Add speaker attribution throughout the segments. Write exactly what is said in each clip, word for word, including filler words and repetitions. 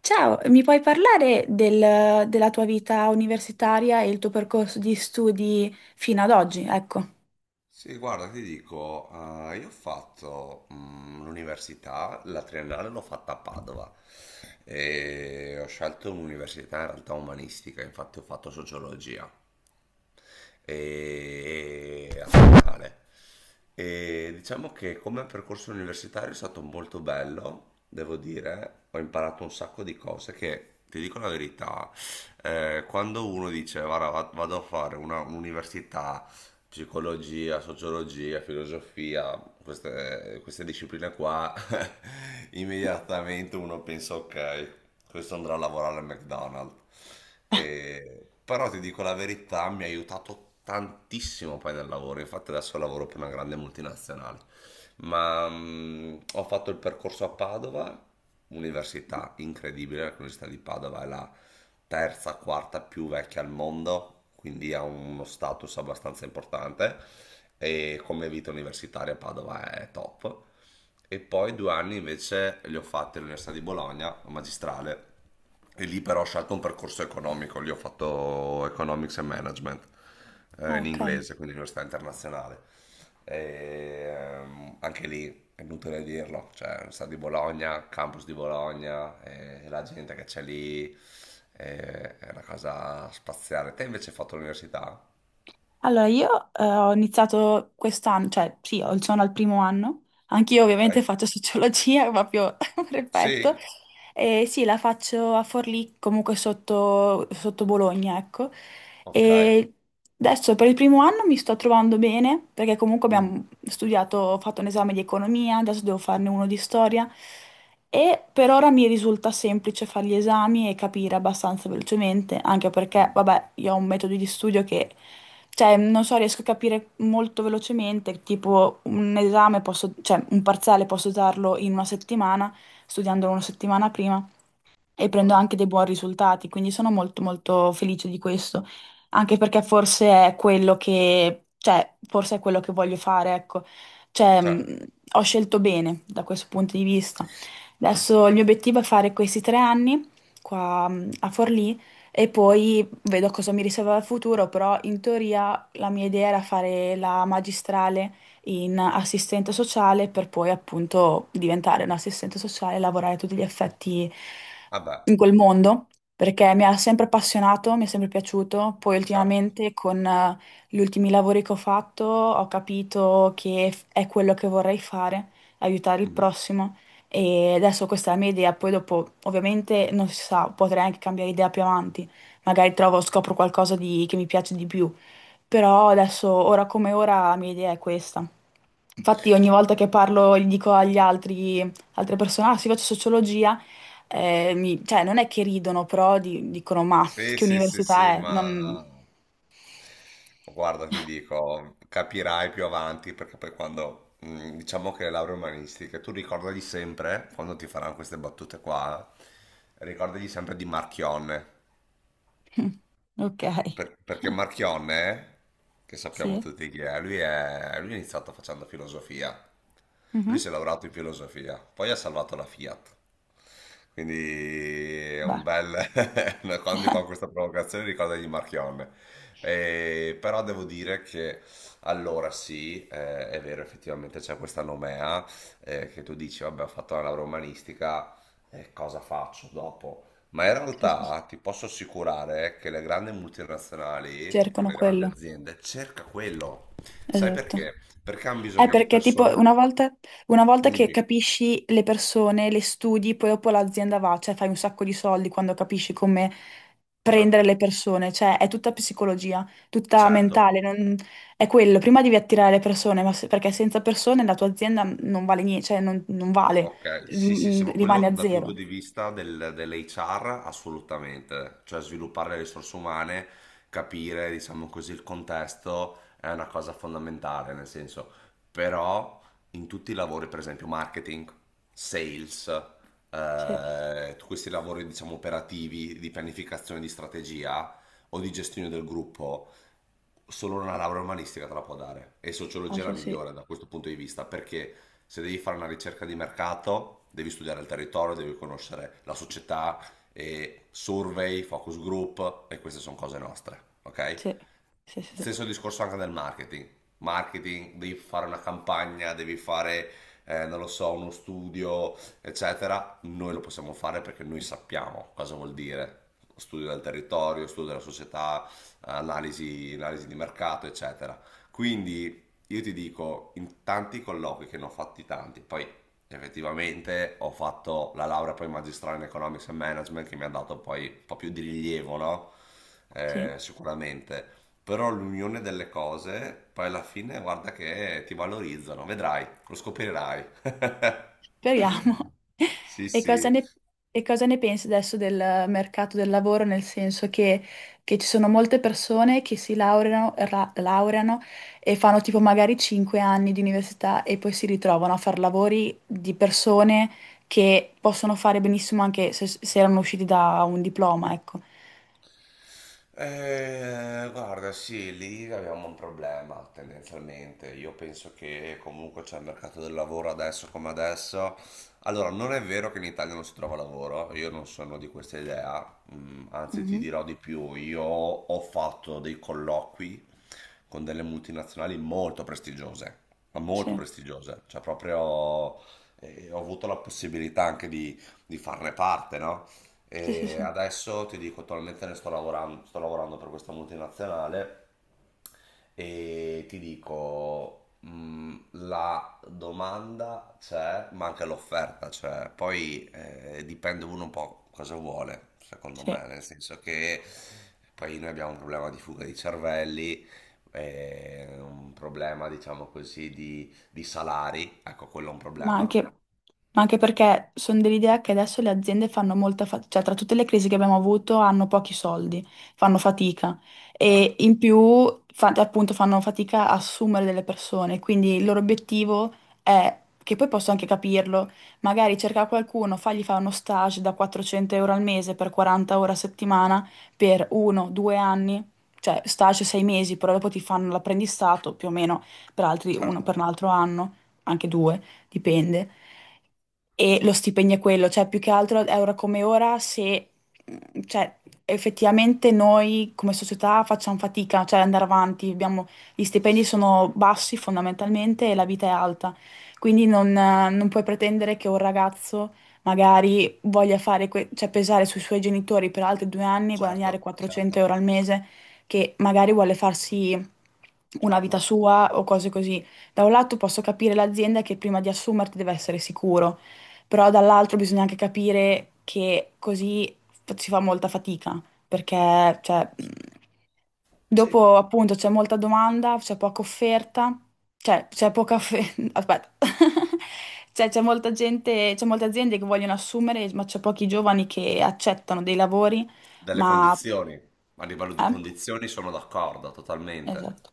Speaker 1: Ciao, mi puoi parlare del- della tua vita universitaria e il tuo percorso di studi fino ad oggi? Ecco.
Speaker 2: Sì, guarda, ti dico, eh, io ho fatto mm, l'università, la triennale l'ho fatta a Padova e ho scelto un'università in realtà umanistica, infatti ho fatto sociologia e, e a triennale. E diciamo che come percorso universitario è stato molto bello, devo dire, ho imparato un sacco di cose che, ti dico la verità, eh, quando uno dice, guarda, va- vado a fare una- un'università, psicologia, sociologia, filosofia, queste, queste discipline qua, immediatamente uno pensa, ok, questo andrà a lavorare al McDonald's. E- Però ti dico la verità, mi ha aiutato tantissimo poi nel lavoro, infatti adesso lavoro per una grande multinazionale. Ma mm, ho fatto il percorso a Padova, università incredibile, l'università di Padova è la terza, quarta più vecchia al mondo, quindi ha uno status abbastanza importante, e come vita universitaria Padova è top. E poi due anni invece li ho fatti all'Università di Bologna, magistrale, e lì però ho scelto un percorso economico, lì ho fatto Economics and Management eh,
Speaker 1: Ah,
Speaker 2: in
Speaker 1: ok.
Speaker 2: inglese, quindi università internazionale. E, ehm, anche lì è inutile dirlo, cioè Università di Bologna, campus di Bologna, eh, la gente che c'è lì, eh, è una cosa spaziale. Te invece hai fatto l'università?
Speaker 1: Allora, io eh, ho iniziato quest'anno, cioè sì, ho- sono al primo anno, anch'io
Speaker 2: Ok.
Speaker 1: ovviamente faccio sociologia, proprio perfetto,
Speaker 2: Sì.
Speaker 1: e sì, la faccio a Forlì, comunque sotto, sotto Bologna, ecco,
Speaker 2: Ok.
Speaker 1: e adesso per il primo anno mi sto trovando bene, perché comunque
Speaker 2: Mm.
Speaker 1: abbiamo studiato, ho fatto un esame di economia, adesso devo farne uno di storia, e per ora mi risulta semplice fare gli esami e capire abbastanza velocemente, anche perché,
Speaker 2: Mm.
Speaker 1: vabbè, io ho un metodo di studio che cioè, non so, riesco a capire molto velocemente, tipo un esame posso, cioè un parziale posso darlo in una settimana, studiandolo una settimana prima e prendo
Speaker 2: Ah,
Speaker 1: anche dei buoni risultati, quindi sono molto molto felice di questo, anche perché forse è quello che, cioè, forse è quello che voglio fare, ecco. Cioè,
Speaker 2: certo.
Speaker 1: mh, ho scelto bene da questo punto di vista. Adesso il mio obiettivo è fare questi tre anni qua mh, a Forlì e poi vedo cosa mi riserva il futuro, però in teoria la mia idea era fare la magistrale in assistente sociale per poi appunto diventare un assistente sociale e lavorare a tutti gli effetti
Speaker 2: Vabbè,
Speaker 1: in quel mondo, perché mi ha sempre appassionato, mi è sempre piaciuto. Poi
Speaker 2: certo.
Speaker 1: ultimamente con eh, gli ultimi lavori che ho fatto ho capito che f- è quello che vorrei fare, aiutare il
Speaker 2: Mhm.
Speaker 1: prossimo. E adesso questa è la mia idea, poi dopo ovviamente non si sa, potrei anche cambiare idea più avanti, magari trovo, scopro qualcosa di- che mi piace di più, però adesso, ora come ora, la mia idea è questa. Infatti ogni volta che parlo, gli dico agli altri, altre persone, ah sì, faccio sociologia, eh, mi- cioè non è che ridono, però di- dicono, ma
Speaker 2: Sì,
Speaker 1: che
Speaker 2: sì, sì,
Speaker 1: università
Speaker 2: sì,
Speaker 1: è? Non...
Speaker 2: ma guarda, ti dico, capirai più avanti perché poi quando, mm, diciamo che le lauree umanistiche, tu ricordagli sempre, quando ti faranno queste battute qua, ricordagli sempre di Marchionne.
Speaker 1: Ok,
Speaker 2: Per- perché Marchionne, che sappiamo
Speaker 1: sì.
Speaker 2: tutti chi è, lui è, lui è iniziato facendo filosofia. Lui
Speaker 1: Mhm.
Speaker 2: si è laureato in filosofia, poi ha salvato la Fiat. Quindi è un
Speaker 1: Beh,
Speaker 2: bel... quando gli fanno questa provocazione ricordagli Marchionne. Eh, però devo dire che allora sì, eh, è vero, effettivamente c'è questa nomea, eh, che tu dici, vabbè, ho fatto la laurea umanistica, eh, cosa faccio dopo? Ma in
Speaker 1: sì, sì, sì.
Speaker 2: realtà ti posso assicurare che le grandi multinazionali, con
Speaker 1: Cercano
Speaker 2: le grandi
Speaker 1: quello.
Speaker 2: aziende, cerca quello. Sai
Speaker 1: Esatto.
Speaker 2: perché? Perché hanno
Speaker 1: È
Speaker 2: bisogno di
Speaker 1: perché tipo
Speaker 2: persone.
Speaker 1: una volta, una volta
Speaker 2: Dimmi,
Speaker 1: che
Speaker 2: dimmi.
Speaker 1: capisci le persone, le studi, poi dopo l'azienda va, cioè fai un sacco di soldi quando capisci come
Speaker 2: Certo.
Speaker 1: prendere le persone, cioè è tutta psicologia, tutta
Speaker 2: Certo.
Speaker 1: mentale, non- è quello, prima devi attirare le persone, ma se- perché senza persone la tua azienda non vale niente, cioè non, non vale,
Speaker 2: Ok, sì, sì, sì,
Speaker 1: ri-
Speaker 2: ma
Speaker 1: rimane
Speaker 2: quello
Speaker 1: a
Speaker 2: dal punto
Speaker 1: zero.
Speaker 2: di vista del, dell'H R assolutamente, cioè sviluppare le risorse umane, capire, diciamo così, il contesto è una cosa fondamentale, nel senso, però in tutti i lavori, per esempio marketing, sales,
Speaker 1: Sì,
Speaker 2: eh, tutti questi lavori, diciamo, operativi, di pianificazione di strategia o di gestione del gruppo, solo una laurea umanistica te la può dare, e
Speaker 1: ah,
Speaker 2: sociologia è la
Speaker 1: sì, sì,
Speaker 2: migliore da questo punto di vista, perché se devi fare una ricerca di mercato devi studiare il territorio, devi conoscere la società, e survey, focus group, e queste sono cose nostre, ok?
Speaker 1: sì, sì, sì. Sì.
Speaker 2: Stesso discorso anche del marketing. Marketing, devi fare una campagna, devi fare, eh, non lo so, uno studio, eccetera. Noi lo possiamo fare perché noi sappiamo cosa vuol dire. Studio del territorio, studio della società, analisi, analisi di mercato, eccetera. Quindi io ti dico, in tanti colloqui che ne ho fatti tanti, poi effettivamente ho fatto la laurea poi magistrale in Economics and Management, che mi ha dato poi un po' più di rilievo, no?
Speaker 1: Sì.
Speaker 2: Eh, sicuramente però l'unione delle cose, poi alla fine guarda che ti valorizzano, vedrai, lo scoprirai.
Speaker 1: Speriamo.
Speaker 2: Sì,
Speaker 1: E cosa
Speaker 2: sì.
Speaker 1: ne, e cosa ne pensi adesso del mercato del lavoro? Nel senso che, che ci sono molte persone che si laureano, ra- laureano e fanno tipo magari cinque anni di università e poi si ritrovano a fare lavori di persone che possono fare benissimo anche se, se erano usciti da un diploma, ecco.
Speaker 2: Eh, guarda, sì, lì abbiamo un problema tendenzialmente. Io penso che comunque c'è il mercato del lavoro adesso come adesso. Allora, non è vero che in Italia non si trova lavoro, io non sono di questa idea, Mm, anzi ti dirò di più, io ho fatto dei colloqui con delle multinazionali molto prestigiose, ma
Speaker 1: Sì,
Speaker 2: molto prestigiose, cioè proprio, eh, ho avuto la possibilità anche di, di farne parte, no?
Speaker 1: sì, sì,
Speaker 2: E
Speaker 1: sì.
Speaker 2: adesso ti dico, attualmente ne sto lavorando, sto lavorando per questa multinazionale, e ti dico, mh, la domanda c'è, ma anche l'offerta c'è. Poi eh, dipende uno un po' cosa vuole, secondo
Speaker 1: Sì.
Speaker 2: me, nel senso che poi noi abbiamo un problema di fuga di cervelli, eh, un problema, diciamo così, di, di salari. Ecco, quello è un
Speaker 1: Ma anche,
Speaker 2: problema.
Speaker 1: ma anche perché sono dell'idea che adesso le aziende fanno molta fatica, cioè tra tutte le crisi che abbiamo avuto hanno pochi soldi, fanno fatica e
Speaker 2: Certo,
Speaker 1: in più fa- appunto fanno fatica a assumere delle persone, quindi il loro obiettivo è, che poi posso anche capirlo, magari cercare qualcuno, fargli fare uno stage da quattrocento euro al mese per quaranta ore a settimana per uno, due anni, cioè stage sei mesi, però dopo ti fanno l'apprendistato più o meno per altri, uno
Speaker 2: certo,
Speaker 1: per un altro anno anche due dipende. E lo stipendio è quello, cioè più che altro è ora come ora se, mm, cioè, effettivamente noi come società facciamo fatica, cioè andare avanti, abbiamo- gli stipendi sono bassi fondamentalmente e la vita è alta, quindi non, eh, non puoi pretendere che un ragazzo magari voglia fare, que- cioè pesare sui suoi genitori per altri due anni e guadagnare
Speaker 2: certo,
Speaker 1: 400
Speaker 2: certo,
Speaker 1: euro al mese, che magari vuole farsi una vita
Speaker 2: certo.
Speaker 1: sua o cose così. Da un lato posso capire l'azienda che prima di assumerti deve essere sicuro, però dall'altro bisogna anche capire che così f- si fa molta fatica, perché cioè, mh,
Speaker 2: Sì.
Speaker 1: dopo appunto c'è molta domanda, c'è poca offerta, cioè c'è poca offerta, aspetta, cioè c'è molta gente, c'è molte aziende che vogliono assumere, ma c'è pochi giovani che accettano dei lavori,
Speaker 2: Delle
Speaker 1: ma...
Speaker 2: condizioni, a livello di
Speaker 1: Eh?
Speaker 2: condizioni sono d'accordo totalmente.
Speaker 1: Esatto.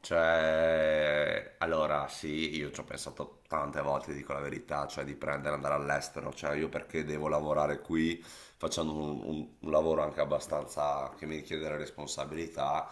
Speaker 2: Cioè, allora sì, io ci ho pensato tante volte, dico la verità, cioè di prendere, andare all'estero, cioè io perché devo lavorare qui facendo un, un- un lavoro anche abbastanza che mi richiede delle responsabilità,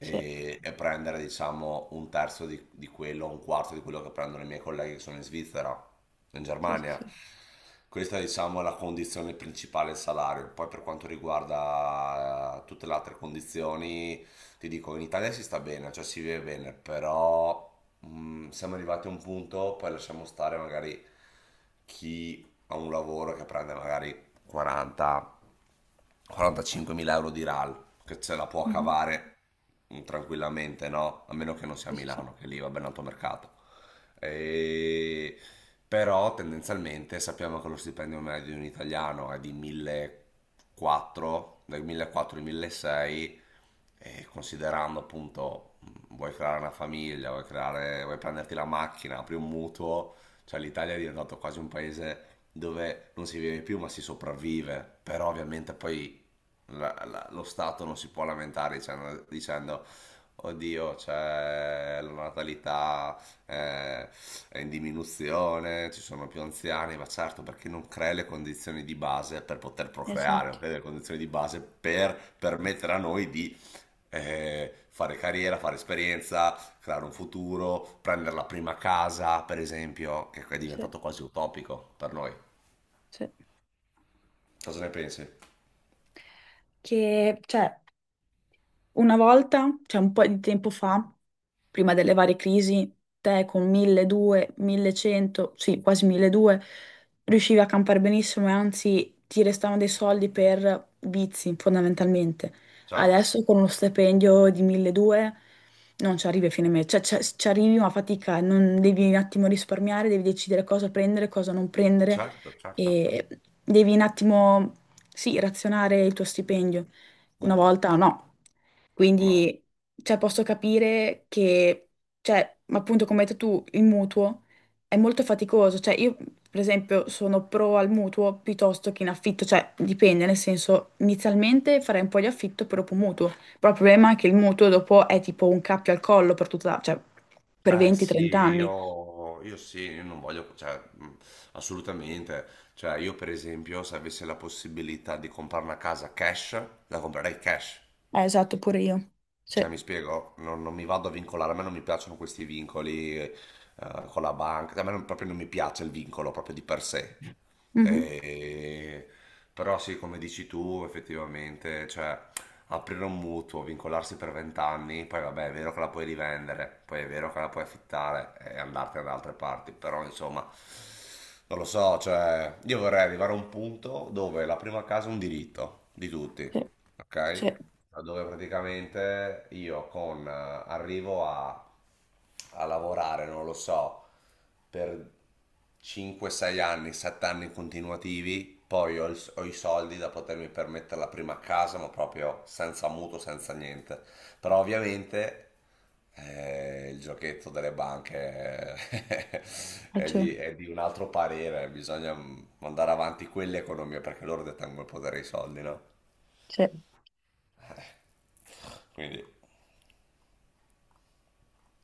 Speaker 1: Sì,
Speaker 2: e prendere diciamo un terzo di, di quello, un quarto di quello che prendono i miei colleghi che sono in Svizzera, in
Speaker 1: sì, sì,
Speaker 2: Germania.
Speaker 1: sì.
Speaker 2: Questa diciamo è la condizione principale, il salario. Poi per quanto riguarda eh, tutte le altre condizioni, ti dico, in Italia si sta bene, cioè si vive bene, però mh, siamo arrivati a un punto, poi lasciamo stare magari chi ha un lavoro che prende magari quaranta quarantacinquemila mila euro di RAL, che ce la può
Speaker 1: Mhm.
Speaker 2: cavare mh, tranquillamente, no? A meno che non sia a
Speaker 1: Sì, sì, sì.
Speaker 2: Milano, che lì va ben alto mercato. E- Però tendenzialmente sappiamo che lo stipendio medio di un italiano è di millequattrocento, dai millequattrocento ai milleseicento, e considerando appunto, mh, vuoi creare una famiglia, vuoi creare, vuoi prenderti la macchina, apri un mutuo, cioè l'Italia è diventato quasi un paese dove non si vive più ma si sopravvive, però ovviamente poi la- la- lo Stato non si può lamentare dicendo, dicendo, oddio, c'è la natalità, eh, è in diminuzione, ci sono più anziani, ma certo, perché non crei le condizioni di base per poter procreare, non
Speaker 1: Esatto.
Speaker 2: crei le condizioni di base per permettere a noi di eh, fare carriera, fare esperienza, creare un futuro, prendere la prima casa, per esempio, che è
Speaker 1: Sì.
Speaker 2: diventato quasi utopico per noi.
Speaker 1: Sì.
Speaker 2: Cosa ne pensi?
Speaker 1: Che, cioè, una volta, cioè un po' di tempo fa, prima delle varie crisi, te con milleduecento, millecento, sì, quasi milleduecento, riuscivi a campare benissimo e anzi ti restavano dei soldi per vizi, fondamentalmente.
Speaker 2: Certo,
Speaker 1: Adesso con uno stipendio di milleduecento non ci arrivi a fine mese, cioè c'è- ci arrivi ma a fatica, non devi un attimo risparmiare, devi decidere cosa prendere, cosa non prendere
Speaker 2: certo, certo.
Speaker 1: e devi un attimo, sì, razionare il tuo stipendio. Una
Speaker 2: Mhm.
Speaker 1: volta no.
Speaker 2: No.
Speaker 1: Quindi, cioè, posso capire che, cioè, ma appunto, come hai detto tu, il mutuo è molto faticoso. Cioè, io, per esempio, sono pro al mutuo piuttosto che in affitto. Cioè, dipende, nel senso, inizialmente farei un po' di affitto e dopo mutuo. Però il problema è che il mutuo dopo è tipo un cappio al collo per tutta, cioè, per
Speaker 2: Eh sì,
Speaker 1: venti a trenta anni.
Speaker 2: io, io sì, io non voglio, cioè, mh, assolutamente. Cioè, io per esempio, se avessi la possibilità di comprare una casa cash, la comprerei cash.
Speaker 1: Eh, esatto, pure io. Sì.
Speaker 2: Cioè, mi spiego, non, non mi vado a vincolare, a me non mi piacciono questi vincoli, eh, con la banca, cioè, a me non- proprio non mi piace il vincolo proprio di per sé.
Speaker 1: Mhm.
Speaker 2: E- Però sì, come dici tu, effettivamente, cioè, aprire un mutuo, vincolarsi per venti anni, poi vabbè, è vero che la puoi rivendere, poi è vero che la puoi affittare e andartene da altre parti, però insomma, non lo so, cioè, io vorrei arrivare a un punto dove la prima casa è un diritto di tutti,
Speaker 1: Sì,
Speaker 2: ok?
Speaker 1: sì,
Speaker 2: Dove praticamente io con, eh, arrivo a, a lavorare, non lo so, per cinque sei anni, sette anni continuativi, poi ho, il- ho i soldi da potermi permettere la prima casa, ma proprio senza mutuo, senza niente. Però ovviamente eh, il giochetto delle banche, eh, è
Speaker 1: faccio-
Speaker 2: di, è di un altro parere, bisogna mm, mandare avanti quell'economia perché loro detengono il potere dei soldi, no?
Speaker 1: sì.
Speaker 2: Quindi...